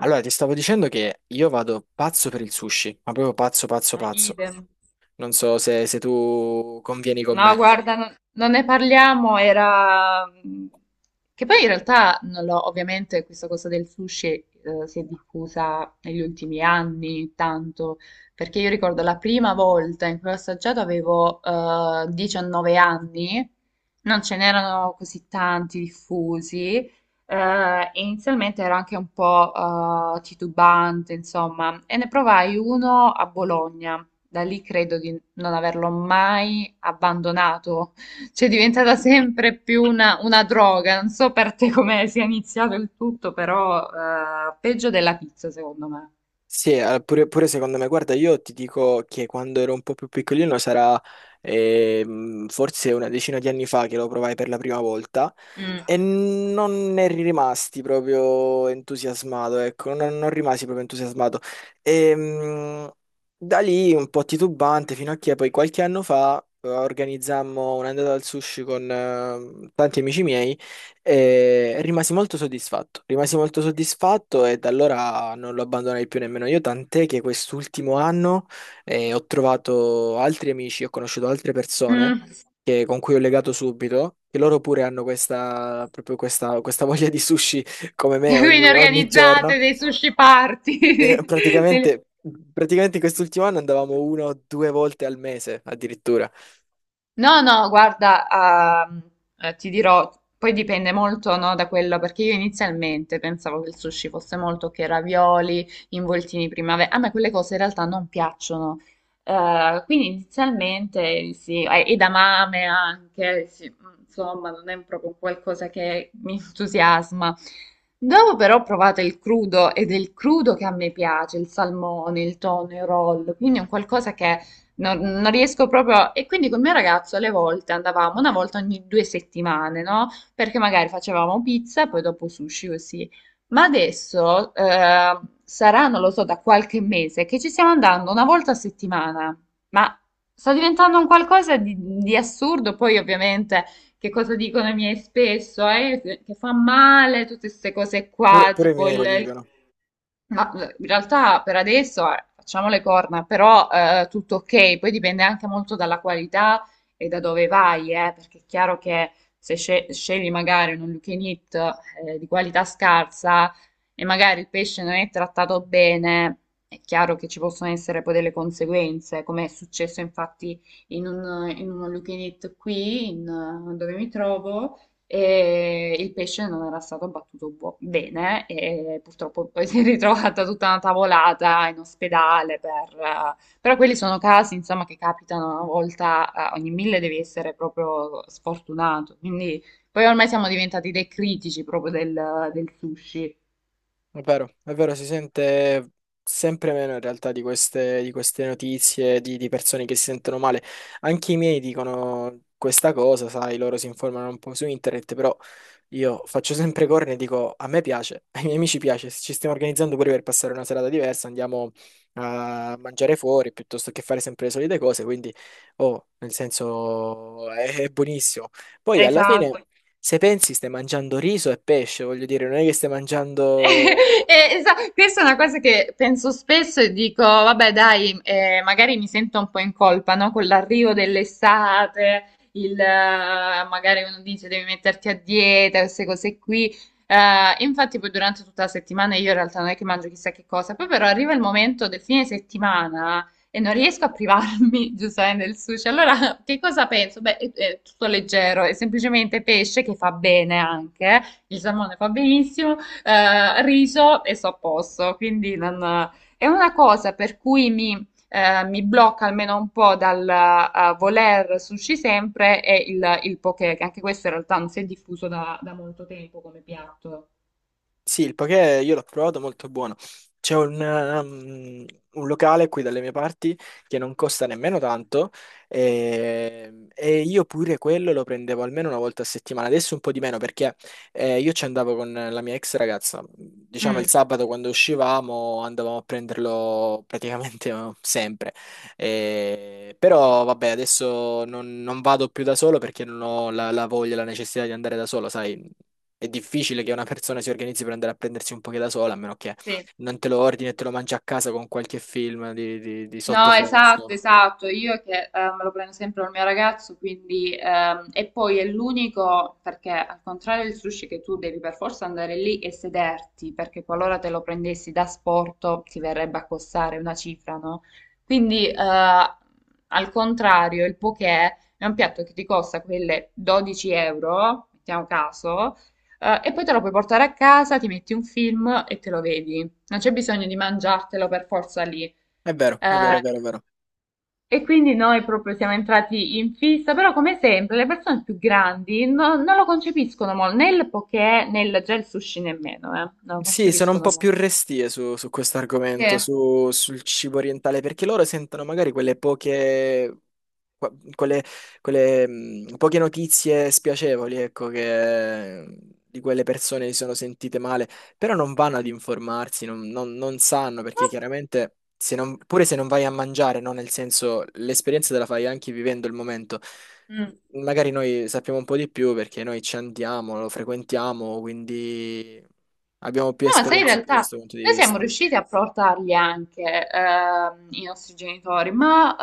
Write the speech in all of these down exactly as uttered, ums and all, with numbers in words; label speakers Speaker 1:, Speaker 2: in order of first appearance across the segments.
Speaker 1: Allora, ti stavo dicendo che io vado pazzo per il sushi, ma proprio pazzo, pazzo,
Speaker 2: Ma
Speaker 1: pazzo.
Speaker 2: idem.
Speaker 1: Non so se, se tu convieni con
Speaker 2: No,
Speaker 1: me.
Speaker 2: guarda, non, non ne parliamo. era... mm, Che poi in realtà non l'ho, ovviamente questa cosa del sushi eh, si è diffusa negli ultimi anni tanto, perché io ricordo la prima volta in cui ho assaggiato avevo eh, diciannove anni, non ce n'erano così tanti diffusi, eh, e inizialmente ero anche un po' eh, titubante, insomma, e ne provai uno a Bologna. Da lì credo di non averlo mai abbandonato, cioè è diventata sempre più una, una droga. Non so per te come sia iniziato il tutto, però eh, peggio della pizza secondo me.
Speaker 1: Sì, eh, pure, pure secondo me, guarda, io ti dico che quando ero un po' più piccolino sarà ehm, forse una decina di anni fa che lo provai per la prima volta
Speaker 2: Mm.
Speaker 1: e non ne rimasti proprio entusiasmato, ecco, non, non rimasi proprio entusiasmato. Ehm, Da lì un po' titubante fino a che poi qualche anno fa eh, organizzammo un'andata al sushi con eh, tanti amici miei. E rimasi molto soddisfatto, rimasi molto soddisfatto e da allora non lo abbandonai più nemmeno io, tant'è che quest'ultimo anno eh, ho trovato altri amici, ho conosciuto altre persone
Speaker 2: Mm.
Speaker 1: che- con cui ho legato subito, che loro pure hanno questa, proprio questa, questa voglia di sushi come me
Speaker 2: Quindi
Speaker 1: ogni, ogni giorno.
Speaker 2: organizzate dei sushi
Speaker 1: Eh,
Speaker 2: party, delle-
Speaker 1: praticamente, praticamente in quest'ultimo anno andavamo una o due volte al mese addirittura,
Speaker 2: No, no, guarda, ah, eh, ti dirò. Poi dipende molto, no, da quello, perché io inizialmente pensavo che il sushi fosse molto che ravioli, involtini primavera. A me quelle cose in realtà non piacciono. Eh, quindi inizialmente sì, e e edamame anche, sì, insomma, non è proprio qualcosa che mi entusiasma. Dopo però provate il crudo, ed è il crudo che a me piace, il salmone, il tonno, il roll, quindi è un qualcosa che. Non, non riesco proprio. E quindi col mio ragazzo alle volte andavamo una volta ogni due settimane, no? Perché magari facevamo pizza, e poi dopo sushi così. Ma adesso eh, sarà, non lo so, da qualche mese che ci stiamo andando una volta a settimana. Ma sta diventando un qualcosa di, di assurdo. Poi, ovviamente, che cosa dicono i miei spesso? Eh, che fa male, tutte queste cose
Speaker 1: pure,
Speaker 2: qua,
Speaker 1: pure i
Speaker 2: tipo
Speaker 1: miei
Speaker 2: il,
Speaker 1: lo
Speaker 2: il
Speaker 1: dicono.
Speaker 2: ma eh, in realtà per adesso eh, facciamo le corna, però eh, tutto ok. Poi dipende anche molto dalla qualità e da dove vai, eh, perché è chiaro che se sce- scegli magari un all you can eat, eh, di qualità scarsa e magari il pesce non è trattato bene, è chiaro che ci possono essere poi delle conseguenze, come è successo infatti in un, in un all you can eat qui, in, eh, dove mi trovo e il pesce non era stato abbattuto buo- bene e purtroppo poi si è ritrovata tutta una tavolata in ospedale per, eh, però quelli sono casi, insomma, che capitano una volta, eh, ogni mille devi essere proprio sfortunato. Quindi poi ormai siamo diventati dei critici proprio del, del sushi.
Speaker 1: È vero, è vero, si sente sempre meno in realtà di queste, di queste notizie di, di persone che si sentono male. Anche i miei dicono questa cosa, sai, loro si informano un po' su internet, però io faccio sempre corna e dico a me piace, ai miei amici piace, se ci stiamo organizzando pure per passare una serata diversa, andiamo a mangiare fuori piuttosto che fare sempre le solite cose, quindi oh, nel senso è, è buonissimo. Poi alla fine.
Speaker 2: Esatto.
Speaker 1: Se pensi stai mangiando riso e pesce, voglio dire, non è che stai mangiando.
Speaker 2: Eh, esa- questa è una cosa che penso spesso e dico, vabbè, dai, eh, magari mi sento un po' in colpa, no? Con l'arrivo dell'estate, il, eh, magari uno dice devi metterti a dieta, queste cose qui. Eh, infatti poi durante tutta la settimana io in realtà non è che mangio chissà che cosa, poi però arriva il momento del fine settimana e non riesco a privarmi, giustamente, del sushi. Allora, che cosa penso? Beh, è, è tutto leggero, è semplicemente pesce che fa bene anche, eh. Il salmone fa benissimo eh, riso e sto a posto. Quindi non- è una cosa per cui mi, eh, mi blocca almeno un po' dal eh, voler sushi sempre è il, il poke, che anche questo in realtà non si è diffuso da, da molto tempo come piatto.
Speaker 1: Sì, il poké io l'ho provato, molto buono. C'è un, um, un locale qui dalle mie parti che non costa nemmeno tanto e, e io pure quello lo prendevo almeno una volta a settimana. Adesso un po' di meno perché eh, io ci andavo con la mia ex ragazza. Diciamo il
Speaker 2: Mm,
Speaker 1: sabato quando uscivamo andavamo a prenderlo praticamente eh, sempre. Eh, però vabbè, adesso non, non vado più da solo perché non ho la, la voglia, la necessità di andare da solo, sai. È difficile che una persona si organizzi per andare a prendersi un poche da sola, a meno che
Speaker 2: sì.
Speaker 1: non te lo ordini e te lo mangi a casa con qualche film di, di- di
Speaker 2: No, esatto,
Speaker 1: sottofondo.
Speaker 2: esatto. Io che eh, me lo prendo sempre col mio ragazzo, quindi ehm, e poi è l'unico perché al contrario del sushi che tu devi per forza andare lì e sederti, perché qualora te lo prendessi da sporto ti verrebbe a costare una cifra, no? Quindi eh, al contrario, il poké è un piatto che ti costa quelle dodici euro, mettiamo caso, eh, e poi te lo puoi portare a casa, ti metti un film e te lo vedi. Non c'è bisogno di mangiartelo per forza lì.
Speaker 1: È vero, è vero, è
Speaker 2: Eh,
Speaker 1: vero, è vero.
Speaker 2: e quindi noi proprio siamo entrati in fissa, però come sempre le persone più grandi no- non lo concepiscono molto, né il poké né il gel sushi nemmeno, eh, non lo
Speaker 1: Sì, sono un
Speaker 2: concepiscono
Speaker 1: po'
Speaker 2: molto.
Speaker 1: più restie su, su questo
Speaker 2: Sì.
Speaker 1: argomento, su- sul cibo orientale, perché loro sentono magari quelle poche qua- quelle, quelle, mh, poche notizie spiacevoli, ecco, che di quelle persone si sono sentite male, però non vanno ad informarsi, non, non- non sanno, perché chiaramente se non- pure se non vai a mangiare, no? Nel senso, l'esperienza te la fai anche vivendo il momento.
Speaker 2: Mm.
Speaker 1: Magari noi sappiamo un po' di più perché noi ci andiamo, lo frequentiamo, quindi abbiamo più
Speaker 2: No, ma sai, in
Speaker 1: esperienza da
Speaker 2: realtà
Speaker 1: questo punto di
Speaker 2: noi siamo
Speaker 1: vista.
Speaker 2: riusciti a portarli anche ehm, i nostri genitori, ma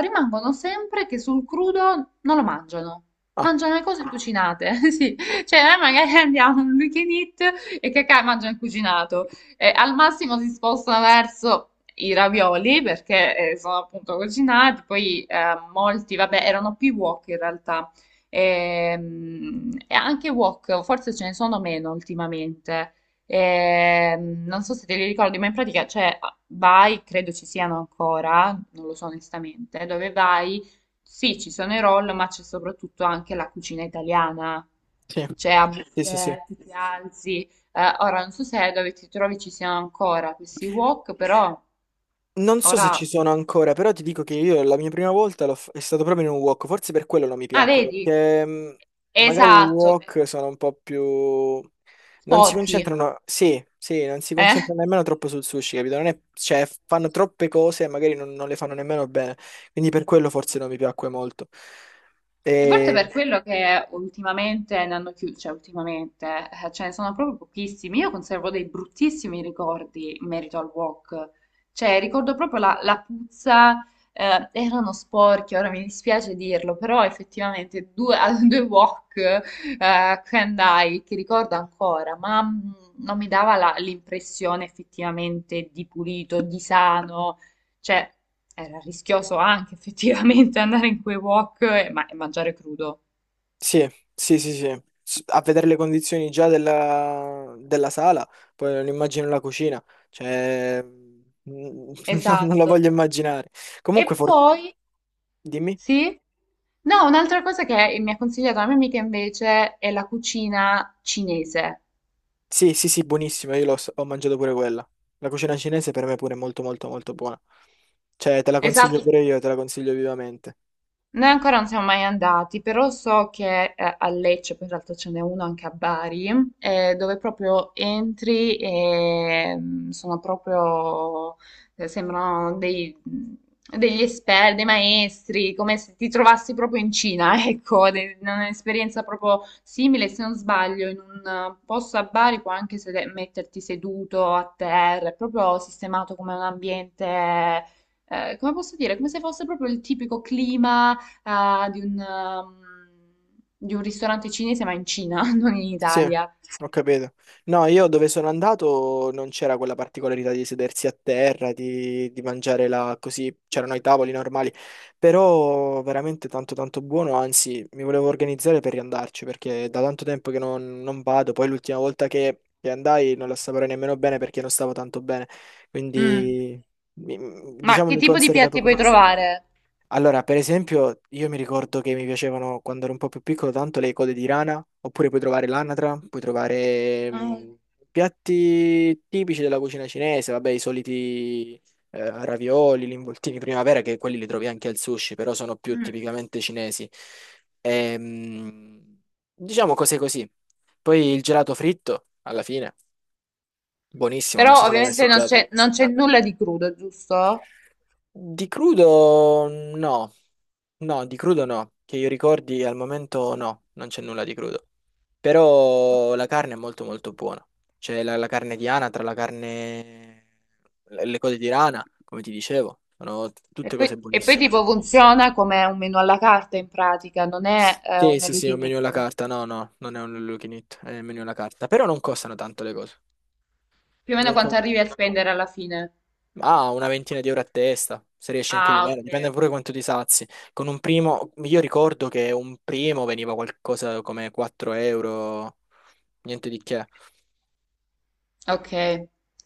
Speaker 2: eh, rimangono sempre che sul crudo non lo mangiano.
Speaker 1: Ah,
Speaker 2: Mangiano le cose cucinate, sì. Cioè, noi magari andiamo in un weekend eat e cacà mangiano il cucinato. E al massimo si spostano verso i ravioli perché eh, sono appunto cucinati. Poi eh, molti, vabbè, erano più wok in realtà. Ehm, E, anche wok, forse ce ne sono meno ultimamente. E, mm, non so se te li ricordi, ma in pratica c'è vai, credo ci siano ancora, non lo so onestamente, dove vai, sì, ci sono i roll, ma c'è soprattutto anche la cucina italiana.
Speaker 1: sì,
Speaker 2: C'è a
Speaker 1: sì, sì, sì.
Speaker 2: buffet, tu ti alzi. Eh, ora non so se dove ti trovi ci siano ancora questi wok, però
Speaker 1: Non so se
Speaker 2: ora.
Speaker 1: ci sono ancora, però ti dico che io la mia prima volta l'ho f- è stato proprio in un wok, forse per quello non mi
Speaker 2: Ah,
Speaker 1: piacque,
Speaker 2: vedi?
Speaker 1: perché mh, magari i
Speaker 2: Esatto,
Speaker 1: wok sono un po' più. Non si
Speaker 2: sporchi.
Speaker 1: concentrano, sì, sì, non si
Speaker 2: Eh?
Speaker 1: concentrano nemmeno troppo sul sushi, capito? Non è- cioè, fanno troppe cose e magari non, non le fanno nemmeno bene, quindi per quello forse non mi piacque molto.
Speaker 2: E forse per
Speaker 1: Ehm,
Speaker 2: quello che ultimamente ne hanno chiuso, cioè ultimamente eh, ce ne sono proprio pochissimi. Io conservo dei bruttissimi ricordi in merito al wok. Cioè, ricordo proprio la, la puzza, eh, erano sporchi, ora mi dispiace dirlo, però effettivamente due, a due wok eh, che andai, che ricordo ancora, ma mm, non mi dava la- l'impressione effettivamente di pulito, di sano. Cioè, era rischioso anche effettivamente andare in quei wok e, ma- e mangiare crudo.
Speaker 1: Sì, sì, sì, sì. S- A vedere le condizioni già della, della sala, poi non immagino la cucina, cioè mm, non, non la
Speaker 2: Esatto.
Speaker 1: voglio immaginare.
Speaker 2: E
Speaker 1: Comunque, for-
Speaker 2: poi,
Speaker 1: dimmi.
Speaker 2: sì? No, un'altra cosa che mi ha consigliato la mia amica invece è la cucina cinese.
Speaker 1: Sì, sì, sì, buonissima, io l'ho s- ho mangiato pure quella. La cucina cinese per me pure è molto, molto, molto buona. Cioè, te la consiglio
Speaker 2: Esatto.
Speaker 1: pure io, te la consiglio vivamente.
Speaker 2: Noi ancora non siamo mai andati, però so che eh, a Lecce, poi in realtà ce n'è uno anche a Bari, eh, dove proprio entri e mm, sono proprio, eh, sembrano dei- mm, degli esperti, dei maestri, come se ti trovassi proprio in Cina, ecco, de- un'esperienza proprio simile, se non sbaglio, in un eh, posto a Bari puoi anche sede- metterti seduto a terra, è proprio sistemato come un ambiente, eh, come posso dire? Come se fosse proprio il tipico clima, ah, di un, um, di un ristorante cinese, ma in Cina, non in
Speaker 1: Sì,
Speaker 2: Italia.
Speaker 1: ho capito. No, io dove sono andato non c'era quella particolarità di sedersi a terra, di, di mangiare là così, c'erano i tavoli normali, però veramente tanto tanto buono, anzi mi volevo organizzare per riandarci perché da tanto tempo che non, non vado, poi l'ultima volta che, che andai non la assaporai nemmeno bene perché non stavo tanto bene,
Speaker 2: Mm.
Speaker 1: quindi mi-
Speaker 2: Ma
Speaker 1: diciamo
Speaker 2: che
Speaker 1: mi
Speaker 2: tipo di
Speaker 1: conserva
Speaker 2: piatti
Speaker 1: poco
Speaker 2: puoi
Speaker 1: poco.
Speaker 2: trovare?
Speaker 1: Allora, per esempio, io mi ricordo che mi piacevano quando ero un po' più piccolo tanto le code di rana, oppure puoi trovare l'anatra, puoi trovare
Speaker 2: Eh,
Speaker 1: mh, piatti tipici della cucina cinese, vabbè, i soliti eh, ravioli, gli involtini di primavera, che quelli li trovi anche al sushi, però sono più
Speaker 2: mm.
Speaker 1: tipicamente cinesi. Ehm, diciamo cose così. Poi il gelato fritto, alla fine, buonissimo, non so
Speaker 2: Però
Speaker 1: se l'hai mai
Speaker 2: ovviamente non
Speaker 1: assaggiato.
Speaker 2: c'è non c'è nulla di crudo, giusto?
Speaker 1: Di crudo no, no, di crudo no, che io ricordi al momento no, non c'è nulla di crudo. Però la carne è molto molto buona. C'è la, la carne di anatra, la carne, le le cose di rana, come ti dicevo, sono
Speaker 2: E
Speaker 1: tutte cose
Speaker 2: poi, e poi
Speaker 1: buonissime.
Speaker 2: tipo funziona come un menù alla carta in pratica, non è eh,
Speaker 1: Sì,
Speaker 2: un
Speaker 1: sì,
Speaker 2: all you
Speaker 1: sì, è un
Speaker 2: can
Speaker 1: menu alla
Speaker 2: eat.
Speaker 1: carta, no, no, non è un all you can eat, è un menu alla carta, però non costano tanto le cose.
Speaker 2: Più o meno quanto arrivi a spendere alla fine.
Speaker 1: Ah, una ventina di euro a testa, se riesci anche di
Speaker 2: Ah, ok,
Speaker 1: meno, dipende
Speaker 2: ok.
Speaker 1: pure quanto ti sazi. Con un primo, io ricordo che un primo veniva qualcosa come quattro euro, niente di che.
Speaker 2: Ok,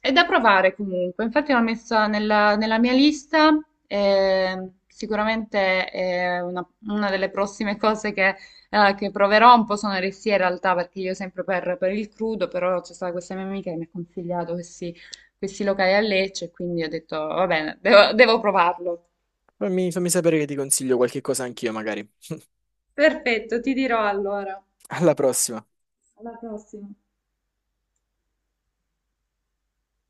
Speaker 2: è da provare comunque. Infatti l'ho messa nella, nella mia lista, eh, sicuramente è una, una delle prossime cose che, eh, che proverò. Un po' sono restia in realtà perché io sempre per, per il crudo, però c'è stata questa mia amica che mi ha consigliato questi, questi locali a Lecce e quindi ho detto va bene, devo devo provarlo.
Speaker 1: Fammi, fammi sapere che ti consiglio qualche cosa anch'io, magari.
Speaker 2: Perfetto, ti dirò allora.
Speaker 1: Alla prossima.
Speaker 2: Alla prossima.